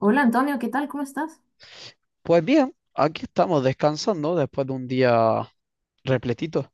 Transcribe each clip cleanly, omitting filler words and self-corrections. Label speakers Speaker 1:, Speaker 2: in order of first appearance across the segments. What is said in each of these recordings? Speaker 1: Hola Antonio, ¿qué tal? ¿Cómo estás?
Speaker 2: Pues bien, aquí estamos descansando después de un día repletito.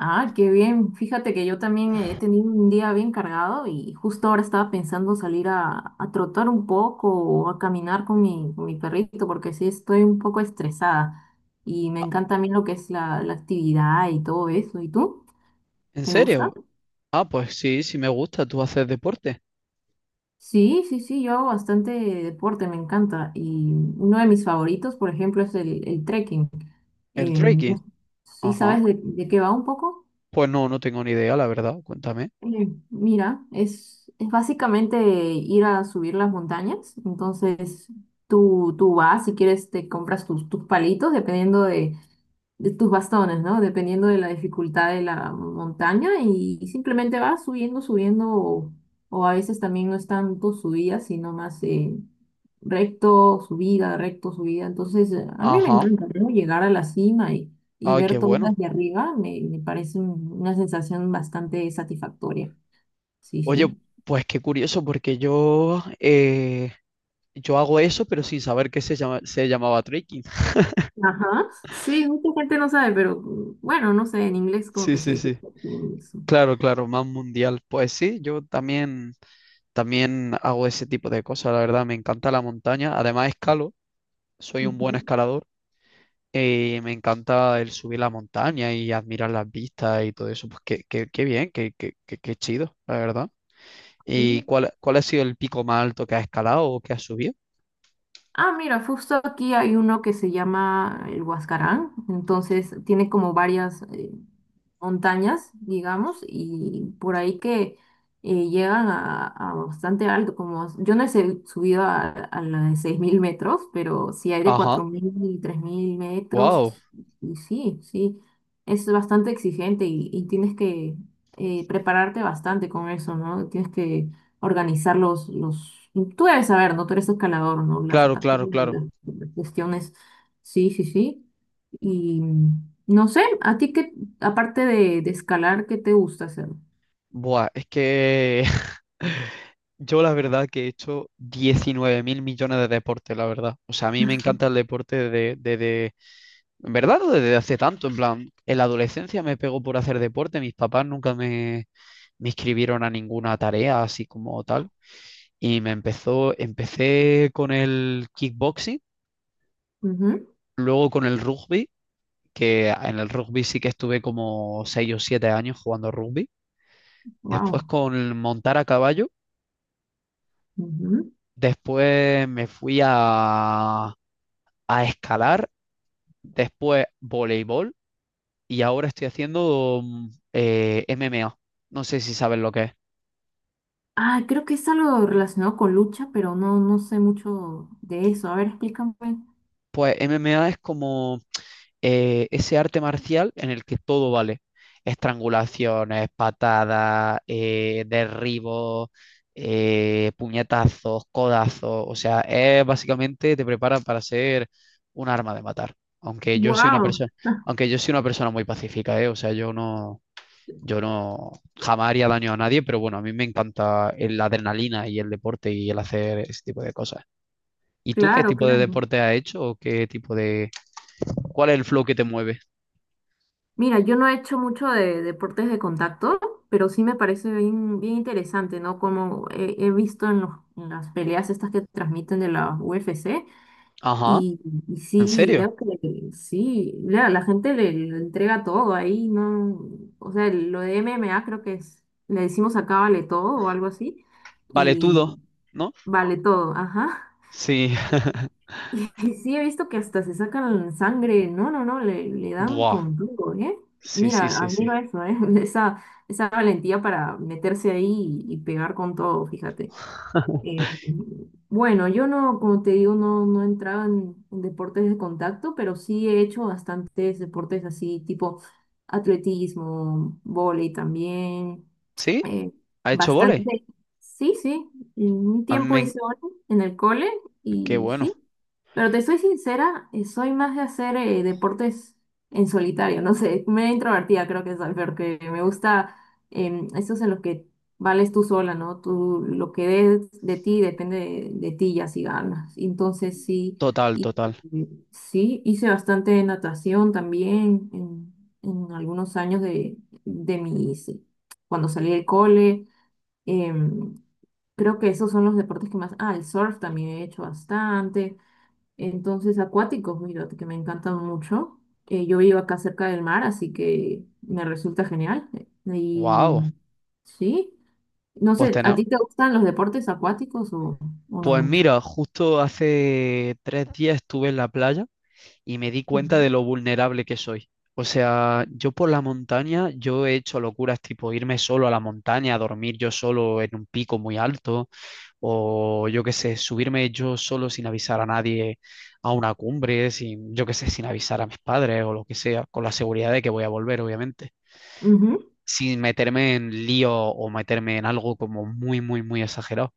Speaker 1: Ah, qué bien. Fíjate que yo también he tenido un día bien cargado y justo ahora estaba pensando salir a trotar un poco o a caminar con con mi perrito porque sí estoy un poco estresada y me
Speaker 2: Ah,
Speaker 1: encanta a mí lo que es la actividad y todo eso. ¿Y tú?
Speaker 2: ¿en
Speaker 1: ¿Te gusta?
Speaker 2: serio? Ah, pues sí, sí me gusta. ¿Tú haces deporte?
Speaker 1: Sí, sí, sí, yo hago bastante deporte, me encanta. Y uno de mis favoritos, por ejemplo, es el trekking.
Speaker 2: ¿El
Speaker 1: Em,
Speaker 2: trekking?
Speaker 1: no- ¿Sí
Speaker 2: Ajá.
Speaker 1: sabes de qué va un poco?
Speaker 2: Pues no, no tengo ni idea, la verdad. Cuéntame.
Speaker 1: Mira, es básicamente ir a subir las montañas. Entonces, tú vas, si quieres, te compras tus palitos, de tus bastones, ¿no? Dependiendo de la dificultad de la montaña y simplemente vas subiendo, subiendo, o a veces también no es tanto subida, sino más recto, subida, recto, subida. Entonces, a mí me
Speaker 2: Ajá.
Speaker 1: encanta, ¿no? Llegar a la cima y
Speaker 2: Ay, qué
Speaker 1: ver todas
Speaker 2: bueno.
Speaker 1: las de arriba, me parece una sensación bastante satisfactoria. Sí,
Speaker 2: Oye,
Speaker 1: sí.
Speaker 2: pues qué curioso, porque yo, yo hago eso, pero sin saber que se llama, se llamaba trekking.
Speaker 1: Ajá. Sí, mucha gente no sabe, pero mm, bueno, no sé, en inglés como
Speaker 2: Sí,
Speaker 1: que se
Speaker 2: sí,
Speaker 1: dice
Speaker 2: sí.
Speaker 1: eso.
Speaker 2: Claro, claro, más mundial. Pues sí, yo también, también hago ese tipo de cosas, la verdad. Me encanta la montaña. Además, escalo. Soy un buen escalador. Me encanta el subir la montaña y admirar las vistas y todo eso. Pues qué, qué bien, qué, qué, qué chido, la verdad. ¿Y cuál, cuál ha sido el pico más alto que has escalado o que has subido?
Speaker 1: Ah, mira, justo aquí hay uno que se llama el Huascarán, entonces tiene como varias montañas, digamos, y por ahí que llegan a bastante alto, como yo no subido a la de 6000 metros, pero sí hay de
Speaker 2: Ajá,
Speaker 1: 4000 y 3000 metros,
Speaker 2: wow,
Speaker 1: y sí, sí, es bastante exigente y tienes que prepararte bastante con eso, ¿no? Tienes que organizar los... Tú debes saber, ¿no? Tú eres escalador, ¿no? Las
Speaker 2: claro, claro,
Speaker 1: zapatillas,
Speaker 2: claro.
Speaker 1: las cuestiones. Sí, sí, sí. Y no sé, ¿a ti qué, aparte de escalar, qué te gusta hacer?
Speaker 2: Buah, es que yo la verdad que he hecho 19 mil millones de deportes, la verdad. O sea, a mí me encanta el deporte desde, en verdad, no desde hace tanto, en plan, en la adolescencia me pegó por hacer deporte, mis papás nunca me, me inscribieron a ninguna tarea así como tal, y empecé con el kickboxing, luego con el rugby, que en el rugby sí que estuve como 6 o 7 años jugando rugby, después
Speaker 1: Wow.
Speaker 2: con el montar a caballo, después me fui a escalar, después voleibol, y ahora estoy haciendo MMA. No sé si sabes lo que es.
Speaker 1: Ah, creo que es algo relacionado con lucha, pero no, no sé mucho de eso. A ver, explícame.
Speaker 2: Pues MMA es como ese arte marcial en el que todo vale. Estrangulaciones, patadas, derribos, puñetazos, codazos. O sea, es básicamente te prepara para ser un arma de matar. Aunque yo soy una
Speaker 1: Wow.
Speaker 2: persona, aunque yo soy una persona muy pacífica, ¿eh? O sea, yo no, yo no jamás haría daño a nadie, pero bueno, a mí me encanta la adrenalina y el deporte y el hacer ese tipo de cosas. ¿Y tú qué
Speaker 1: Claro,
Speaker 2: tipo de
Speaker 1: claro.
Speaker 2: deporte has hecho o qué tipo de? ¿Cuál es el flow que te mueve?
Speaker 1: Mira, yo no he hecho mucho de deportes de contacto, pero sí me parece bien, bien interesante, ¿no? Como he visto en en las peleas estas que transmiten de la UFC,
Speaker 2: Ajá,
Speaker 1: y, y
Speaker 2: ¿en
Speaker 1: sí,
Speaker 2: serio?
Speaker 1: veo que sí, la gente le entrega todo ahí, ¿no? O sea, lo de MMA creo le decimos acá vale todo o algo así,
Speaker 2: Vale, tú dos,
Speaker 1: y
Speaker 2: ¿no?
Speaker 1: vale todo, ajá.
Speaker 2: Sí.
Speaker 1: Y sí, he visto que hasta se sacan sangre. No, no, no, le dan
Speaker 2: Buah.
Speaker 1: con todo, ¿eh?
Speaker 2: Sí, sí,
Speaker 1: Mira,
Speaker 2: sí, sí.
Speaker 1: admiro eso, ¿eh? Esa, esa valentía para meterse ahí y pegar con todo, fíjate. Eh, bueno, yo no, como te digo, no, no entraba en deportes de contacto, pero sí he hecho bastantes deportes así, tipo atletismo, vóley también.
Speaker 2: ¿Sí?
Speaker 1: eh,
Speaker 2: ¿Ha hecho volei?
Speaker 1: Bastante, sí, sí. En un
Speaker 2: A mí
Speaker 1: tiempo hice vóley en el cole
Speaker 2: qué
Speaker 1: y
Speaker 2: bueno.
Speaker 1: sí. Pero te soy sincera, soy más de hacer deportes en solitario, no sé, me introvertida creo que soy, porque me gusta esos en los que vales tú sola, ¿no? Tú, lo que des de ti depende de ti, ya si ganas. Entonces sí,
Speaker 2: Total,
Speaker 1: y,
Speaker 2: total.
Speaker 1: y sí, hice bastante natación también en algunos años de mis, cuando salí del cole. Em, Creo que esos son los deportes que más, ah, el surf también he hecho bastante. Entonces acuáticos, mira, que me encantan mucho. Yo vivo acá cerca del mar, así que me resulta genial.
Speaker 2: Wow.
Speaker 1: Y sí. No
Speaker 2: Pues
Speaker 1: sé, ¿a
Speaker 2: tenemos...
Speaker 1: ti te gustan los deportes acuáticos o no
Speaker 2: Pues
Speaker 1: mucho?
Speaker 2: mira, justo hace tres días estuve en la playa y me di cuenta
Speaker 1: Ujú,
Speaker 2: de lo vulnerable que soy. O sea, yo por la montaña, yo he hecho locuras tipo irme solo a la montaña, a dormir yo solo en un pico muy alto, o yo qué sé, subirme yo solo sin avisar a nadie a una cumbre, sin, yo qué sé, sin avisar a mis padres o lo que sea, con la seguridad de que voy a volver, obviamente,
Speaker 1: ujú,
Speaker 2: sin meterme en lío o meterme en algo como muy, muy, muy exagerado,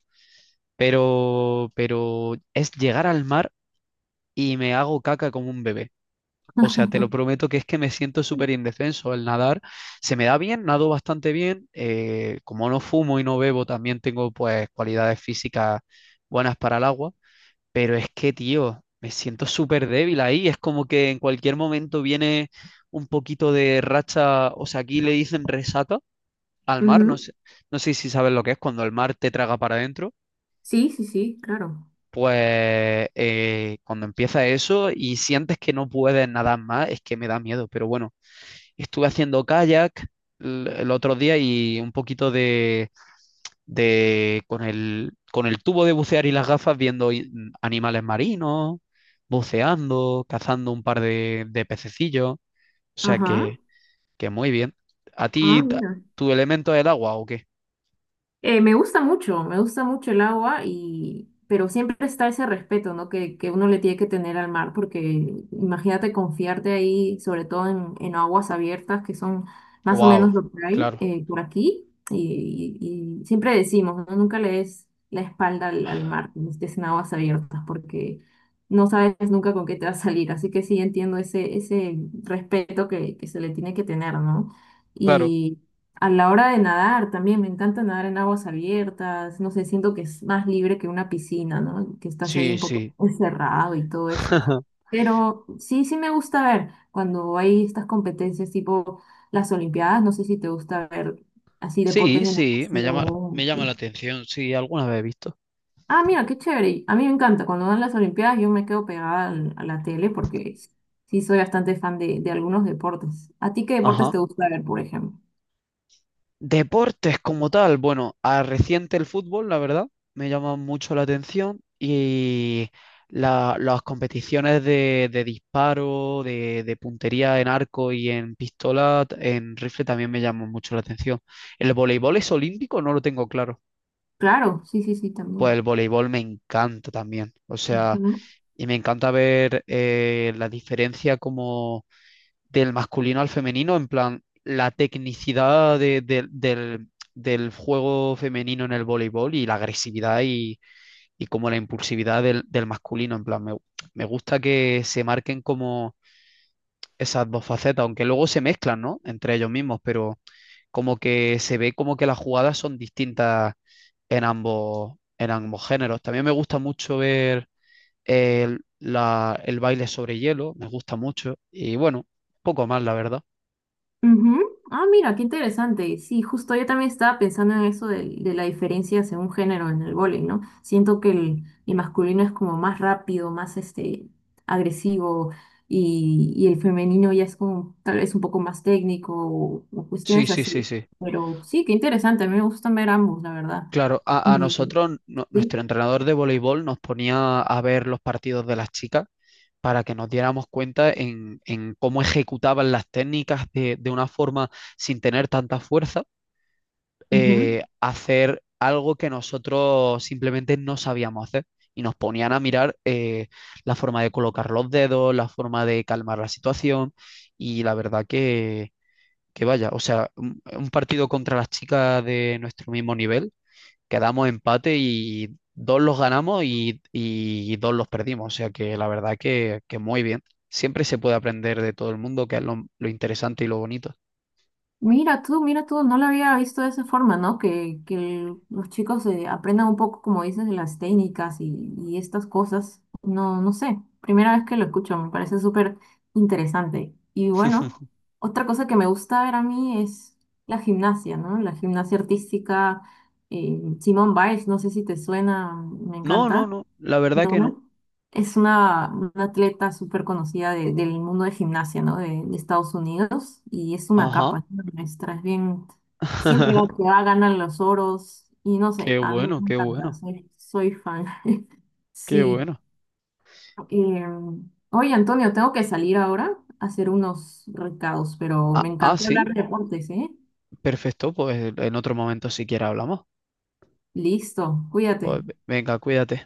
Speaker 2: pero es llegar al mar y me hago caca como un bebé. O sea, te lo prometo que es que me siento súper indefenso al nadar. Se me da bien, nado bastante bien. Como no fumo y no bebo, también tengo pues cualidades físicas buenas para el agua. Pero es que, tío, me siento súper débil ahí. Es como que en cualquier momento viene un poquito de racha. O sea, aquí le dicen resata al mar. No
Speaker 1: ujú.
Speaker 2: sé, no sé si sabes lo que es cuando el mar te traga para adentro.
Speaker 1: Sí, sí, sí, claro.
Speaker 2: Pues cuando empieza eso y sientes que no puedes nadar más, es que me da miedo. Pero bueno, estuve haciendo kayak el otro día y un poquito de con con el tubo de bucear y las gafas viendo animales marinos, buceando, cazando un par de pececillos. O sea
Speaker 1: Ajá.
Speaker 2: que muy bien. ¿A
Speaker 1: Ah, mira.
Speaker 2: tu elemento es el agua o qué?
Speaker 1: Me gusta mucho, me gusta mucho el agua y pero siempre está ese respeto, ¿no? Que uno le tiene que tener al mar, porque imagínate confiarte ahí, sobre todo en aguas abiertas, que son más o
Speaker 2: Wow,
Speaker 1: menos lo que hay
Speaker 2: claro,
Speaker 1: por aquí. Y siempre decimos, ¿no? Nunca le des la espalda al mar cuando estés en aguas abiertas, porque no sabes nunca con qué te va a salir. Así que sí entiendo ese, ese respeto que se le tiene que tener, ¿no?
Speaker 2: claro.
Speaker 1: A la hora de nadar también, me encanta nadar en aguas abiertas, no sé, siento que es más libre que una piscina, ¿no? Que estás ahí
Speaker 2: Sí,
Speaker 1: un poco
Speaker 2: sí.
Speaker 1: encerrado y todo eso. Pero sí, sí me gusta ver cuando hay estas competencias tipo las Olimpiadas, no sé si te gusta ver así deportes
Speaker 2: Sí,
Speaker 1: de
Speaker 2: sí, me
Speaker 1: natación.
Speaker 2: llama la
Speaker 1: Sí.
Speaker 2: atención, sí, alguna vez he visto.
Speaker 1: Ah, mira, qué chévere. A mí me encanta, cuando dan las Olimpiadas yo me quedo pegada a la tele porque sí soy bastante fan de algunos deportes. ¿A ti qué deportes
Speaker 2: Ajá.
Speaker 1: te gusta ver, por ejemplo?
Speaker 2: Deportes como tal, bueno, a reciente el fútbol, la verdad, me llama mucho la atención y las competiciones de disparo, de puntería en arco y en pistola, en rifle también me llaman mucho la atención. ¿El voleibol es olímpico? No lo tengo claro.
Speaker 1: Claro, sí, sí, sí,
Speaker 2: Pues
Speaker 1: también.
Speaker 2: el voleibol me encanta también, o sea,
Speaker 1: Ujú.
Speaker 2: y me encanta ver la diferencia como del masculino al femenino, en plan, la tecnicidad del, del juego femenino en el voleibol y la agresividad y como la impulsividad del, del masculino, en plan, me gusta que se marquen como esas dos facetas, aunque luego se mezclan, ¿no? Entre ellos mismos, pero como que se ve como que las jugadas son distintas en ambos géneros. También me gusta mucho ver el baile sobre hielo, me gusta mucho, y bueno, poco más, la verdad.
Speaker 1: Ujú. Ah, mira, qué interesante. Sí, justo yo también estaba pensando en eso de la diferencia según género en el vóley, ¿no? Siento que el masculino es como más rápido, más agresivo y el femenino ya es como tal vez un poco más técnico o
Speaker 2: Sí,
Speaker 1: cuestiones
Speaker 2: sí, sí,
Speaker 1: así.
Speaker 2: sí.
Speaker 1: Pero sí, qué interesante. A mí me gustan ver ambos, la verdad.
Speaker 2: Claro, a
Speaker 1: Y,
Speaker 2: nosotros,
Speaker 1: sí.
Speaker 2: nuestro entrenador de voleibol nos ponía a ver los partidos de las chicas para que nos diéramos cuenta en cómo ejecutaban las técnicas de una forma sin tener tanta fuerza,
Speaker 1: Ujú.
Speaker 2: hacer algo que nosotros simplemente no sabíamos hacer. Y nos ponían a mirar la forma de colocar los dedos, la forma de calmar la situación. Y la verdad que vaya, o sea, un partido contra las chicas de nuestro mismo nivel quedamos empate y dos los ganamos y dos los perdimos. O sea que la verdad que muy bien. Siempre se puede aprender de todo el mundo, que es lo interesante y lo bonito.
Speaker 1: Mira tú, no lo había visto de esa forma, ¿no? Que los chicos aprendan un poco, como dices, de las técnicas y estas cosas. No, no sé, primera vez que lo escucho, me parece súper interesante. Y bueno, otra cosa que me gusta ver a mí es la gimnasia, ¿no? La gimnasia artística, Simone Biles, no sé si te suena, me
Speaker 2: No, no,
Speaker 1: encanta.
Speaker 2: no, la verdad que no.
Speaker 1: ¿No? Es una atleta súper conocida del mundo de gimnasia, ¿no? De Estados Unidos. Y es una
Speaker 2: Ajá.
Speaker 1: capa, es una maestra. Es bien, siempre la que va ganan los oros. Y no sé,
Speaker 2: Qué
Speaker 1: a mí
Speaker 2: bueno,
Speaker 1: me
Speaker 2: qué
Speaker 1: encanta,
Speaker 2: bueno,
Speaker 1: soy, soy fan.
Speaker 2: qué
Speaker 1: Sí.
Speaker 2: bueno.
Speaker 1: Oye, Antonio, tengo que salir ahora a hacer unos recados, pero
Speaker 2: Ah,
Speaker 1: me
Speaker 2: ah,
Speaker 1: encantó
Speaker 2: sí,
Speaker 1: hablar de deportes, ¿eh?
Speaker 2: perfecto, pues en otro momento siquiera hablamos.
Speaker 1: Listo, cuídate.
Speaker 2: Pues venga, cuídate.